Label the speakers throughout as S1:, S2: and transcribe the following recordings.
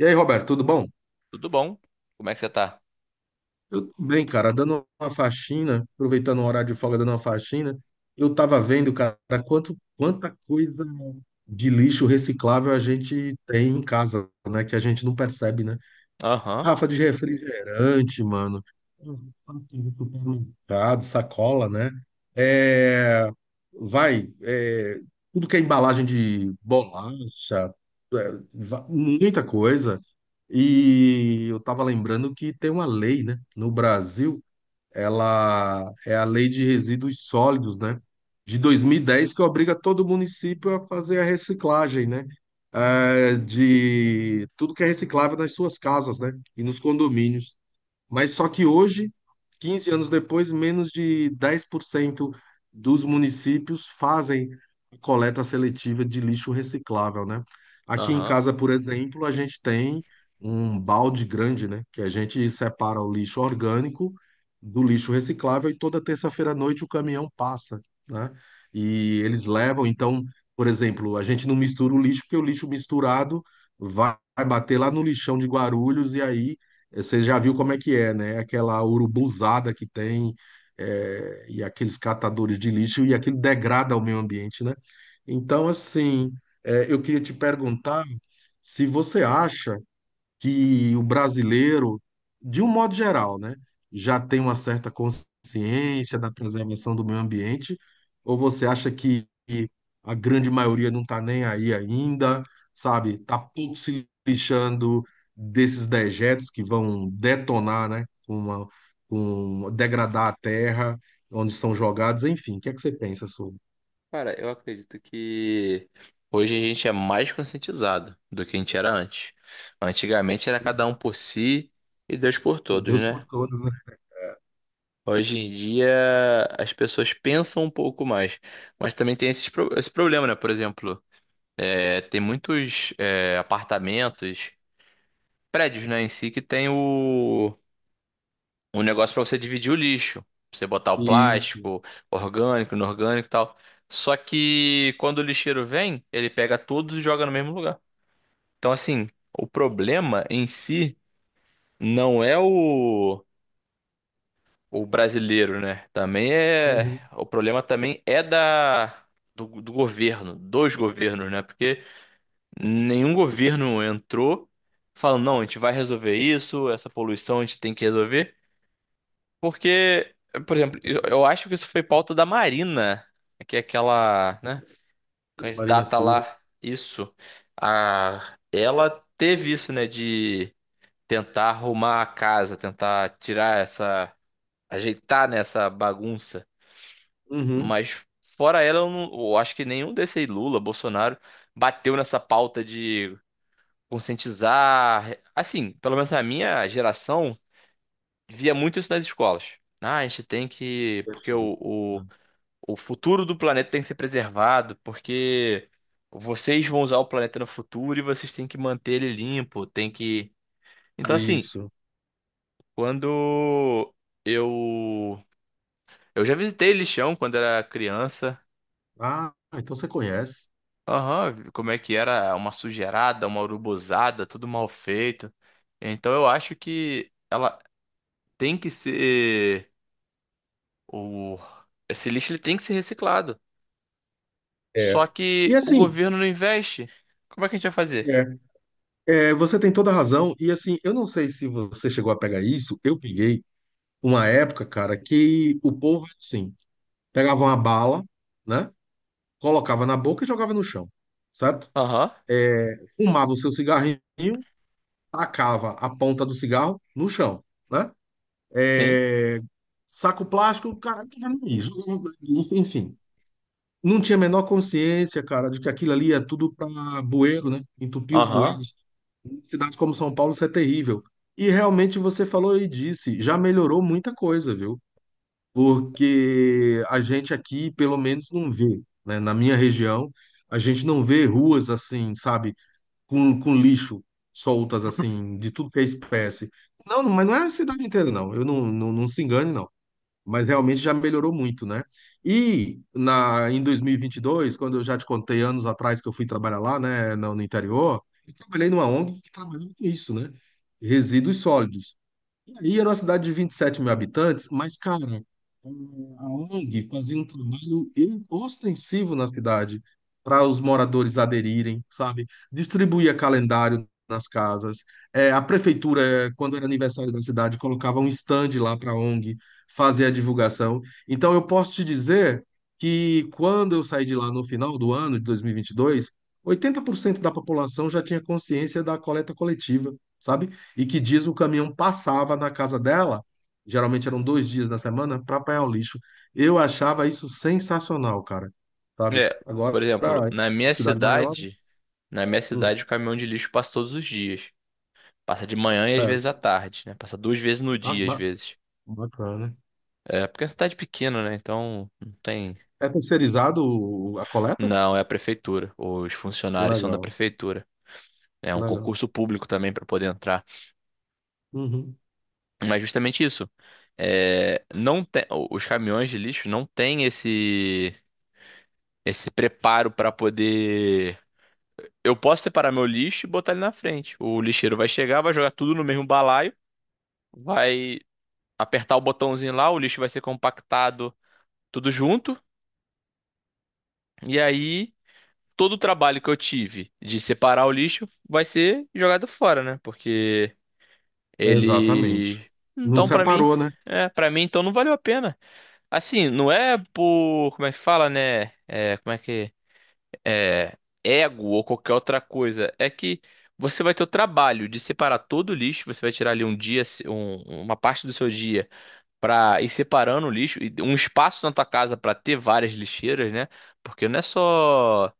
S1: E aí, Roberto, tudo bom?
S2: Tudo bom? Como é que você tá?
S1: Eu tô bem, cara, dando uma faxina, aproveitando o horário de folga, dando uma faxina. Eu tava vendo, cara, quanta coisa de lixo reciclável a gente tem em casa, né? Que a gente não percebe, né?
S2: Aham,
S1: Rafa de refrigerante, mano. Supermercado, sacola, né? É, vai, é, tudo que é embalagem de bolacha, muita coisa. E eu tava lembrando que tem uma lei, né, no Brasil, ela é a Lei de Resíduos Sólidos, né? De 2010, que obriga todo município a fazer a reciclagem, né? De tudo que é reciclável nas suas casas, né? E nos condomínios. Mas só que hoje, 15 anos depois, menos de 10% dos municípios fazem coleta seletiva de lixo reciclável, né? Aqui em
S2: aham.
S1: casa, por exemplo, a gente tem um balde grande, né? Que a gente separa o lixo orgânico do lixo reciclável e toda terça-feira à noite o caminhão passa, né? E eles levam, então, por exemplo, a gente não mistura o lixo, porque o lixo misturado vai bater lá no lixão de Guarulhos e aí você já viu como é que é, né? Aquela urubuzada que tem, é, e aqueles catadores de lixo, e aquilo degrada o meio ambiente, né? Então, assim, é, eu queria te perguntar se você acha que o brasileiro, de um modo geral, né, já tem uma certa consciência da preservação do meio ambiente, ou você acha que a grande maioria não está nem aí ainda, sabe? Está pouco se lixando desses dejetos que vão detonar, né, com uma, com degradar a terra, onde são jogados, enfim. O que é que você pensa sobre?
S2: Cara, eu acredito que hoje a gente é mais conscientizado do que a gente era antes. Antigamente era cada um por si e Deus por todos,
S1: Deus por
S2: né?
S1: todos, né?
S2: Hoje em dia as pessoas pensam um pouco mais, mas também tem esse problema, né? Por exemplo, tem muitos apartamentos, prédios, né, em si que tem o um negócio para você dividir o lixo, pra você botar o
S1: Isso.
S2: plástico, orgânico, inorgânico e tal. Só que quando o lixeiro vem, ele pega todos e joga no mesmo lugar. Então, assim, o problema em si não é o brasileiro, né? Também é.
S1: Uhum.
S2: O problema também é da. Do governo, dos governos, né? Porque nenhum governo entrou falando, não, a gente vai resolver isso, essa poluição a gente tem que resolver. Porque, por exemplo, eu acho que isso foi pauta da Marina, que é aquela, né,
S1: Marina
S2: candidata
S1: Silva.
S2: lá, isso. A, ela teve isso, né, de tentar arrumar a casa, tentar tirar essa, ajeitar nessa bagunça.
S1: Uhum.
S2: Mas fora ela, eu, não, eu acho que nenhum desses Lula, Bolsonaro, bateu nessa pauta de conscientizar. Assim, pelo menos na minha geração, via muito isso nas escolas. Ah, a gente tem que,
S1: Perfeito.
S2: o futuro do planeta tem que ser preservado, porque vocês vão usar o planeta no futuro e vocês têm que manter ele limpo, tem que. Então, assim,
S1: Isso.
S2: quando eu. Eu já visitei lixão quando era criança.
S1: Ah, então você conhece.
S2: Aham, como é que era? Uma sujeirada, uma urubuzada, tudo mal feito. Então eu acho que ela tem que ser. O... Esse lixo ele tem que ser reciclado. Só
S1: É.
S2: que
S1: E
S2: o
S1: assim,
S2: governo não investe. Como é que a gente vai fazer?
S1: é, é, você tem toda a razão. E assim, eu não sei se você chegou a pegar isso. Eu peguei uma época, cara, que o povo, assim, pegava uma bala, né? Colocava na boca e jogava no chão, certo?
S2: Aham,
S1: Fumava o seu cigarrinho, tacava a ponta do cigarro no chão, né?
S2: sim.
S1: É, saco plástico, cara, jogava no lixo, enfim. Não tinha a menor consciência, cara, de que aquilo ali é tudo para bueiro, né? Entupir os
S2: Aham.
S1: bueiros. Em cidades como São Paulo, isso é terrível. E realmente você falou e disse, já melhorou muita coisa, viu? Porque a gente aqui, pelo menos, não vê, né? Na minha região, a gente não vê ruas assim, sabe? Com lixo soltas, assim, de tudo que é espécie. Não, mas não é a cidade inteira, não. Eu não, não, não se engane, não, mas realmente já melhorou muito, né? E na, em 2022, quando eu já te contei anos atrás que eu fui trabalhar lá, né, no interior, eu trabalhei numa ONG que trabalhava com isso, né? Resíduos sólidos. E aí era uma cidade de 27 mil habitantes, mas, cara, a ONG fazia um trabalho ostensivo na cidade para os moradores aderirem, sabe? Distribuía calendário nas casas. É, a prefeitura, quando era aniversário da cidade, colocava um stand lá para a ONG fazer a divulgação. Então, eu posso te dizer que quando eu saí de lá no final do ano de 2022, 80% da população já tinha consciência da coleta coletiva, sabe? E que diz o caminhão passava na casa dela, geralmente eram 2 dias na semana, para apanhar o lixo. Eu achava isso sensacional, cara, sabe?
S2: É,
S1: Agora,
S2: por exemplo, na
S1: em
S2: minha
S1: cidade maior, né?
S2: cidade, na minha
S1: Hum,
S2: cidade o caminhão de lixo passa todos os dias. Passa de manhã e às vezes
S1: certo.
S2: à tarde, né? Passa duas vezes no
S1: Ba-
S2: dia, às
S1: ba-
S2: vezes.
S1: Bacana.
S2: É, porque é uma cidade pequena, né? Então não tem.
S1: É terceirizado a coleta?
S2: Não, é a prefeitura. Os funcionários são da
S1: Legal,
S2: prefeitura. É um
S1: legal.
S2: concurso público também para poder entrar.
S1: Uhum.
S2: Mas justamente isso. É, não tem, os caminhões de lixo não têm esse preparo para poder. Eu posso separar meu lixo e botar ele na frente. O lixeiro vai chegar, vai jogar tudo no mesmo balaio, vai apertar o botãozinho lá, o lixo vai ser compactado tudo junto. E aí, todo o trabalho que eu tive de separar o lixo vai ser jogado fora, né? Porque
S1: Exatamente.
S2: ele.
S1: Não
S2: Então, pra mim.
S1: separou, né?
S2: É, para mim, então não valeu a pena. Assim, não é por. Como é que fala, né? É, como é que. É, ego ou qualquer outra coisa. É que você vai ter o trabalho de separar todo o lixo, você vai tirar ali um dia, uma parte do seu dia para ir separando o lixo, e um espaço na tua casa para ter várias lixeiras, né? Porque não é só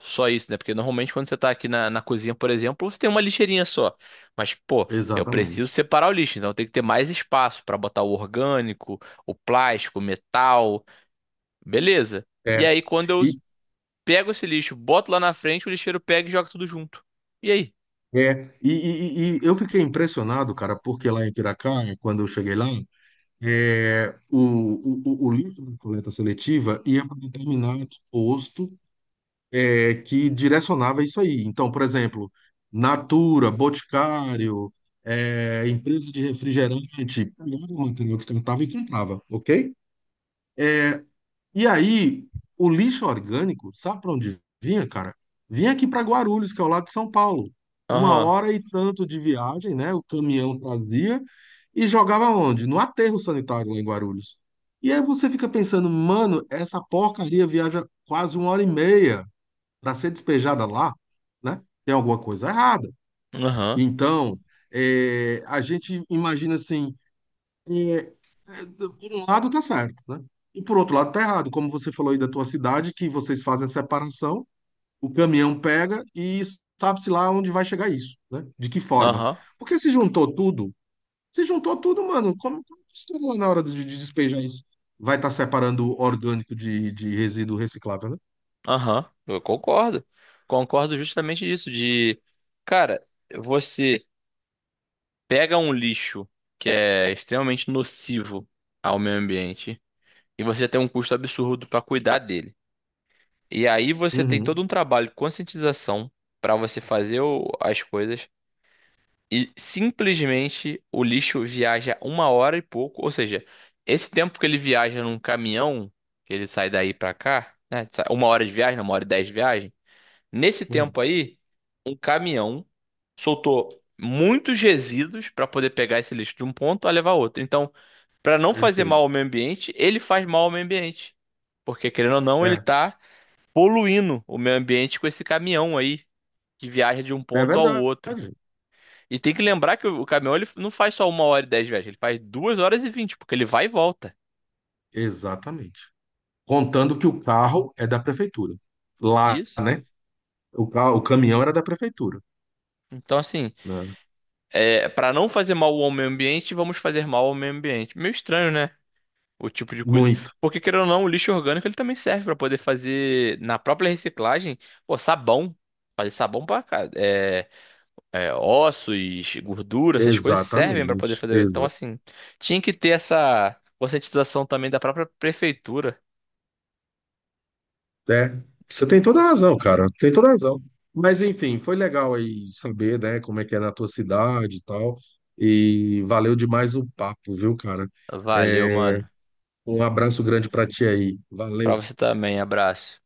S2: só isso, né? Porque normalmente quando você tá aqui na cozinha, por exemplo, você tem uma lixeirinha só. Mas, pô, eu preciso
S1: Exatamente.
S2: separar o lixo, então tem que ter mais espaço para botar o orgânico, o plástico, o metal, beleza. E
S1: É.
S2: aí, quando eu
S1: E,
S2: pego esse lixo, boto lá na frente, o lixeiro pega e joga tudo junto. E aí?
S1: e eu fiquei impressionado, cara, porque lá em Piracá, quando eu cheguei lá, é, o, o lixo da coleta seletiva ia para um determinado posto, é, que direcionava isso aí. Então, por exemplo, Natura, Boticário, é, empresa de refrigerante, pegava o material descartável e comprava, ok? É, e aí, o lixo orgânico, sabe para onde vinha, cara? Vinha aqui para Guarulhos, que é ao lado de São Paulo. Uma
S2: Aham,
S1: hora e tanto de viagem, né? O caminhão trazia e jogava onde? No aterro sanitário lá em Guarulhos. E aí você fica pensando, mano, essa porcaria viaja quase uma hora e meia para ser despejada lá, né? Tem alguma coisa errada.
S2: aham,
S1: Então, a gente imagina assim, é, por um lado tá certo, né? E por outro lado tá errado, como você falou aí da tua cidade, que vocês fazem a separação, o caminhão pega e sabe-se lá onde vai chegar isso, né? De que forma?
S2: aham,
S1: Porque se juntou tudo, se juntou tudo, mano, como que você vai na hora de despejar isso? Vai estar separando orgânico de resíduo reciclável, né?
S2: aham. Eu concordo. Concordo justamente disso, de, cara, você pega um lixo que é extremamente nocivo ao meio ambiente e você tem um custo absurdo para cuidar dele. E aí você tem
S1: Uhum.
S2: todo um trabalho de conscientização para você fazer as coisas. E simplesmente o lixo viaja uma hora e pouco. Ou seja, esse tempo que ele viaja num caminhão, que ele sai daí pra cá, né? Uma hora de viagem, não, uma hora e dez de viagem. Nesse
S1: Uhum.
S2: tempo aí, um caminhão soltou muitos resíduos pra poder pegar esse lixo de um ponto a levar a outro. Então, pra não fazer mal
S1: Perfeito.
S2: ao meio ambiente, ele faz mal ao meio ambiente. Porque, querendo ou não, ele
S1: É,
S2: tá poluindo o meio ambiente com esse caminhão aí que viaja de um
S1: é
S2: ponto ao
S1: verdade.
S2: outro. E tem que lembrar que o caminhão ele não faz só uma hora e dez viagens, ele faz duas horas e vinte, porque ele vai e volta.
S1: Exatamente. Contando que o carro é da prefeitura. Lá,
S2: Isso.
S1: né? O caminhão era da prefeitura,
S2: Então, assim,
S1: né?
S2: para não fazer mal ao meio ambiente, vamos fazer mal ao meio ambiente. Meio estranho, né? O tipo de coisa.
S1: Muito.
S2: Porque, querendo ou não, o lixo orgânico ele também serve para poder fazer, na própria reciclagem, pô, sabão. Fazer sabão para é, ossos, gordura, essas coisas servem para
S1: Exatamente.
S2: poder fazer. Então,
S1: Exa
S2: assim, tinha que ter essa conscientização também da própria prefeitura.
S1: É. Você tem toda a razão, cara. Tem toda a razão. Mas, enfim, foi legal aí saber, né, como é que é na tua cidade e tal. E valeu demais o papo, viu, cara?
S2: Valeu,
S1: É,
S2: mano.
S1: um abraço grande pra ti aí.
S2: Pra
S1: Valeu.
S2: você também, abraço.